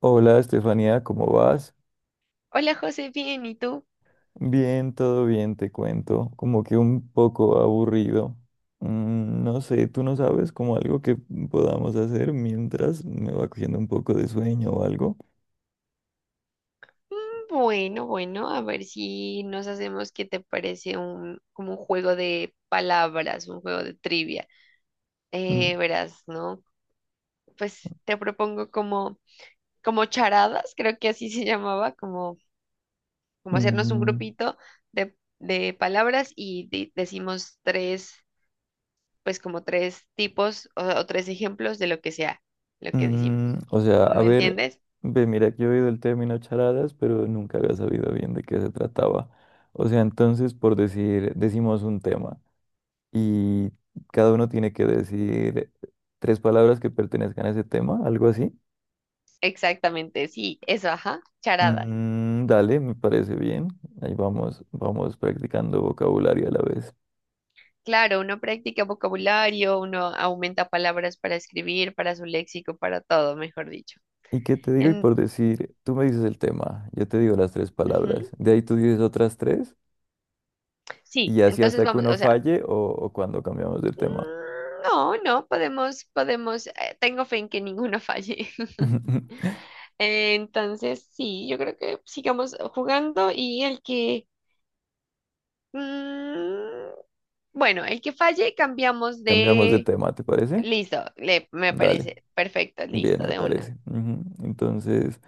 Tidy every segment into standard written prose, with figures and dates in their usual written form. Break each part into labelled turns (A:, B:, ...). A: Hola Estefanía, ¿cómo vas?
B: Hola José, bien, ¿y tú?
A: Bien, todo bien, te cuento. Como que un poco aburrido. No sé, tú no sabes como algo que podamos hacer mientras me va cogiendo un poco de sueño o algo.
B: "Mm, Bueno, bueno, a ver si nos hacemos, ¿qué te parece un, como un juego de palabras, un juego de trivia?
A: Mm,
B: Verás, ¿no? Pues te propongo como, como, charadas, creo que así se llamaba, como, como, hacernos un
A: mm,
B: grupito de palabras y decimos tres, pues como tres tipos o tres ejemplos de lo que sea, lo que decimos.
A: o sea, a
B: ¿Me
A: ver,
B: entiendes?
A: ve, mira que he oído el término charadas, pero nunca había sabido bien de qué se trataba. O sea, entonces, por decir, decimos un tema y cada uno tiene que decir tres palabras que pertenezcan a ese tema, algo así.
B: Exactamente, sí, eso, ajá, charadas.
A: Mm, dale, me parece bien. Ahí vamos, vamos practicando vocabulario a la vez.
B: Claro, uno practica vocabulario, uno aumenta palabras para escribir, para su léxico, para todo, mejor dicho.
A: ¿Y qué te digo? Y
B: En-
A: por decir, tú me dices el tema, yo te digo las tres palabras,
B: Ujú.
A: de ahí tú dices otras tres
B: Sí,
A: y así
B: entonces
A: hasta que
B: vamos,
A: uno
B: o sea,
A: falle o cuando cambiamos de tema.
B: no, no, podemos, tengo fe en que ninguno falle. Entonces, sí, yo creo que sigamos jugando y mm, bueno, el que falle cambiamos
A: Cambiamos de
B: de,
A: tema, ¿te parece?
B: listo, le, me
A: Dale,
B: parece perfecto,
A: bien,
B: listo,
A: me
B: de una.
A: parece. Ujú. Entonces,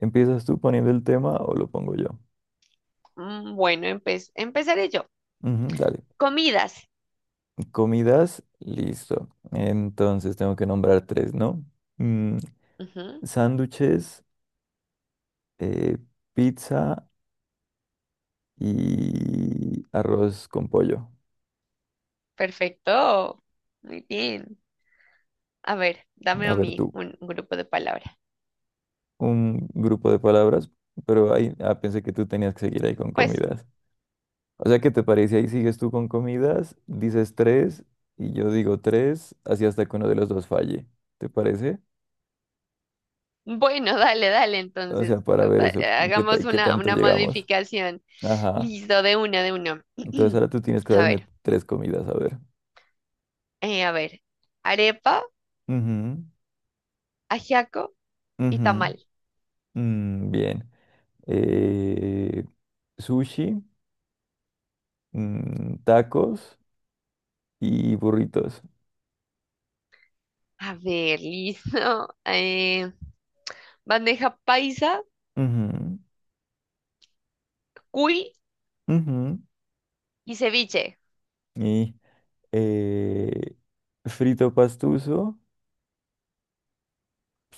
A: ¿empiezas tú poniendo el tema o lo pongo yo?
B: Bueno, empezaré yo.
A: Ujú, dale,
B: Comidas.
A: comidas, listo. Entonces tengo que nombrar tres, ¿no? Mm,
B: Ujú.
A: Sándwiches, eh, pizza y arroz con pollo.
B: Perfecto. Muy bien. A ver, dame
A: A
B: a
A: ver
B: mí
A: tú,
B: un grupo de palabras.
A: un grupo de palabras, pero ahí pensé que tú tenías que seguir ahí con
B: Pues,
A: comidas. O sea, ¿qué te parece? Ahí sigues tú con comidas, dices tres y yo digo tres, así hasta que uno de los dos falle. ¿Te parece?
B: bueno, dale, dale,
A: O sea,
B: entonces.
A: para ver eso, qué, ta-
B: Hagamos
A: qué
B: una,
A: tanto
B: una
A: llegamos.
B: modificación.
A: Ajá.
B: Listo, de una de uno.
A: Entonces ahora tú tienes que
B: A
A: darme
B: ver,
A: tres comidas, a ver.
B: a ver. Arepa,
A: Ujú,
B: ajiaco y
A: ujú.
B: tamal.
A: Mm, bien. Eh, Sushi. Tacos y burritos.
B: A ver, listo. Bandeja paisa, cuy
A: Ujú, ujú.
B: y ceviche.
A: Y eh, frito pastuso,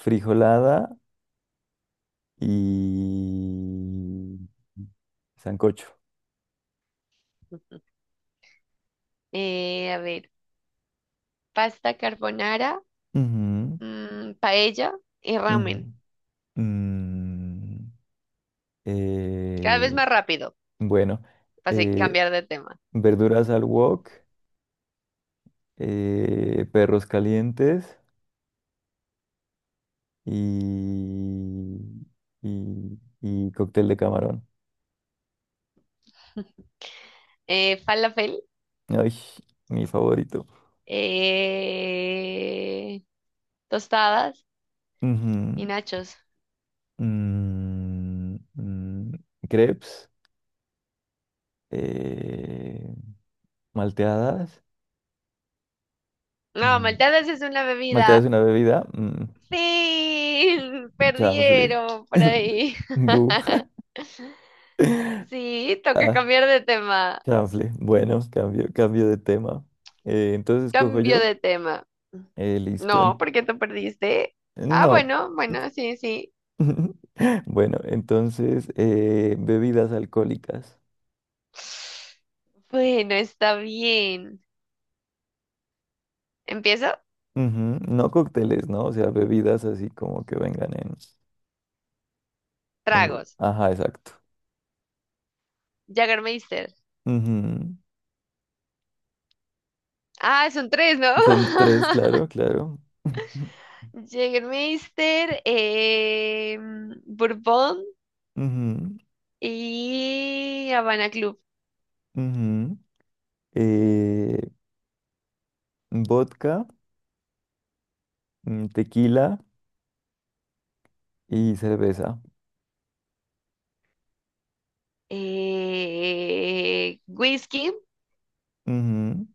A: frijolada y sancocho.
B: A ver, pasta carbonara,
A: Ujú,
B: paella y ramen.
A: ujú. Mm,
B: Cada vez
A: eh,
B: más rápido.
A: bueno,
B: Pasé,
A: eh,
B: cambiar de tema.
A: verduras al wok, perros calientes y, y cóctel de camarón.
B: Falafel,
A: Ay, mi favorito.
B: eh, tostadas
A: Ujú,
B: y nachos.
A: mm, mm, crepes, eh, malteadas.
B: No,
A: mm,
B: malteadas es una
A: Malteadas
B: bebida.
A: es una bebida.
B: Fin,
A: Chanfle.
B: perdieron por ahí.
A: Bu.
B: Sí, toca
A: Ah,
B: cambiar de tema.
A: chanfle. Bueno, cambio, cambio de tema. Entonces cojo
B: Cambio
A: yo.
B: de tema.
A: Listo.
B: No, porque tú perdiste. Ah,
A: No.
B: bueno, bueno, sí, sí.
A: Bueno, entonces bebidas alcohólicas.
B: Bueno, está bien. Empiezo.
A: Ujú. No cócteles, ¿no? O sea, bebidas así como que vengan en.
B: Tragos.
A: Ajá, exacto.
B: Jägermeister.
A: Ujú.
B: Ah, son tres, ¿no?
A: Son tres, claro, claro.
B: Jägermeister, Bourbon
A: Ujú,
B: y Habana Club.
A: ujú. Eh, Vodka, tequila y cerveza.
B: Whisky,
A: Ujú,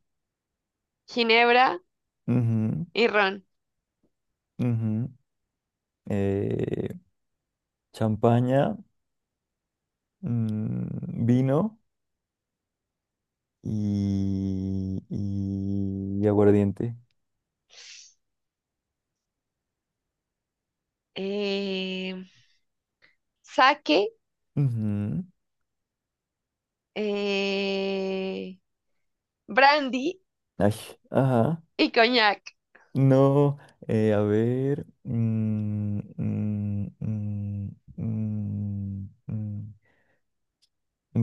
B: ginebra
A: ujú,
B: y ron.
A: ujú. Eh, Champaña, mm, vino y aguardiente.
B: Eh, Sake,
A: Ujú.
B: eh, brandy
A: Ay, ajá.
B: y coñac.
A: No, a ver. Mm, mm,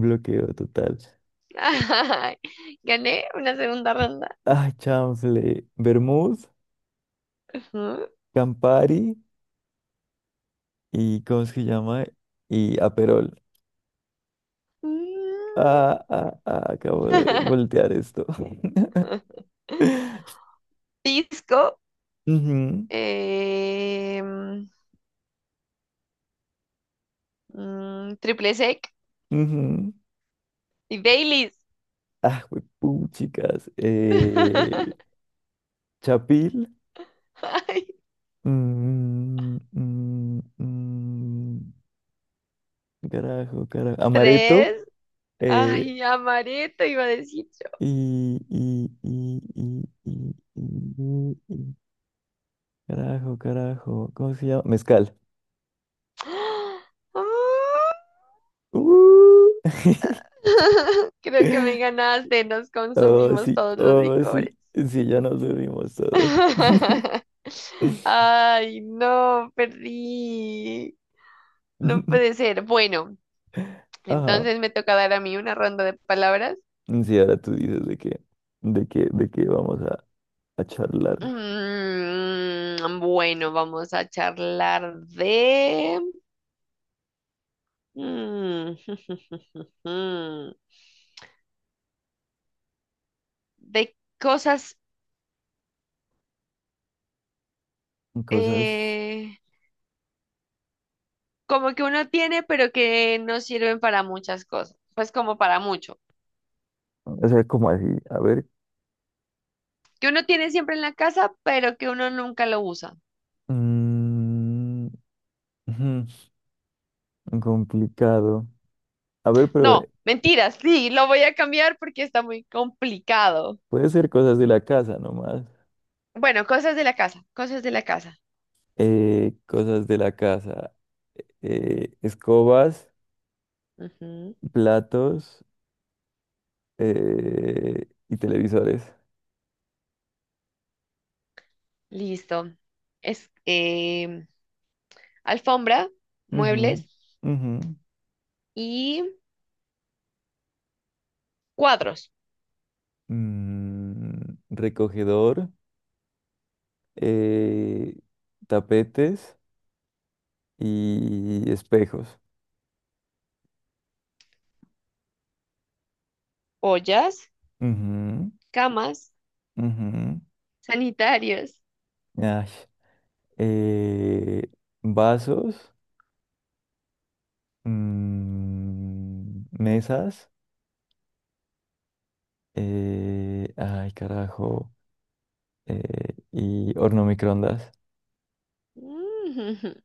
A: Bloqueo total.
B: Ay, gané una segunda ronda.
A: Ah, chanfle. Vermouth,
B: Ujú.
A: Campari y ¿cómo es que llama? Y Aperol.
B: Mm.
A: Ah, ah, ah, acabo de voltear esto.
B: Pisco,
A: Ujú,
B: eh, triple sec
A: ujú.
B: y Baileys.
A: Ah, güey, chicas. Chapil.
B: Ay,
A: Mm, mm, mm, Carajo, carajo. Amaretto.
B: tres.
A: Eh,
B: Ay, amareto iba a decir yo.
A: y, y, y, y, y, y- y carajo, carajo, ¿cómo se llama? Mezcal.
B: Ah,
A: ¡Uh!
B: creo que me ganaste, nos
A: Oh,
B: consumimos
A: sí,
B: todos los
A: oh,
B: licores.
A: sí, sí, ya nos bebimos todo.
B: Ay, no, perdí. No puede ser. Bueno,
A: Ajá.
B: entonces me toca dar a mí una ronda de palabras.
A: Sí, ahora tú dices de que vamos a charlar
B: Bueno, vamos a charlar de... Mm, de cosas
A: cosas,
B: eh, como que uno tiene, pero que no sirven para muchas cosas, pues como para mucho.
A: o sea, como así, a ver,
B: Que uno tiene siempre en la casa, pero que uno nunca lo usa.
A: mm, ujú, complicado. A ver, pero
B: No, mentiras, sí, lo voy a cambiar porque está muy complicado.
A: puede ser cosas de la casa nomás.
B: Bueno, cosas de la casa, cosas de la casa.
A: Cosas de la casa, escobas,
B: Ujú.
A: platos, y televisores.
B: Listo. Es alfombra,
A: Ujú,
B: muebles
A: ujú.
B: y cuadros,
A: Recogedor, eh, tapetes y espejos.
B: ollas,
A: Ujú,
B: camas,
A: ujú.
B: sanitarios.
A: Ay, eh, vasos, mesas, ay, carajo, eh, y horno microondas.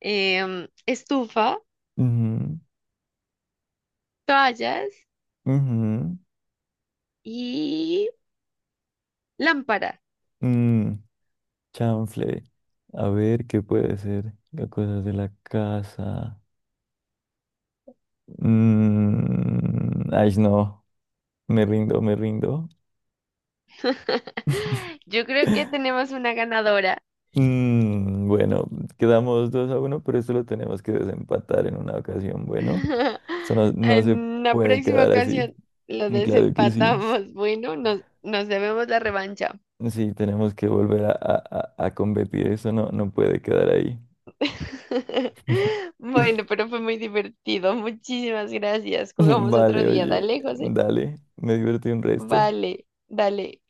B: Estufa,
A: Ujú,
B: toallas
A: ujú,
B: y lámpara.
A: mm, chanfle. A ver qué puede ser. Las cosas de la casa. Mm, ay, no. Me rindo, me rindo.
B: Yo creo que tenemos una ganadora.
A: Bueno, quedamos 2-1 pero esto lo tenemos que desempatar en una ocasión. Bueno, esto no se
B: En la
A: puede
B: próxima
A: quedar así.
B: ocasión lo
A: Mm, claro que sí.
B: desempatamos. Bueno, nos debemos la revancha.
A: Sí, tenemos que volver a competir. Eso no puede quedar ahí.
B: Bueno, pero fue muy divertido. Muchísimas gracias. Jugamos otro
A: Vale,
B: día.
A: oye,
B: Dale, José.
A: dale, me divertí un resto.
B: Vale, dale.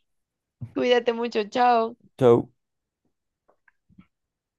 B: Cuídate mucho. Chao.
A: Chau.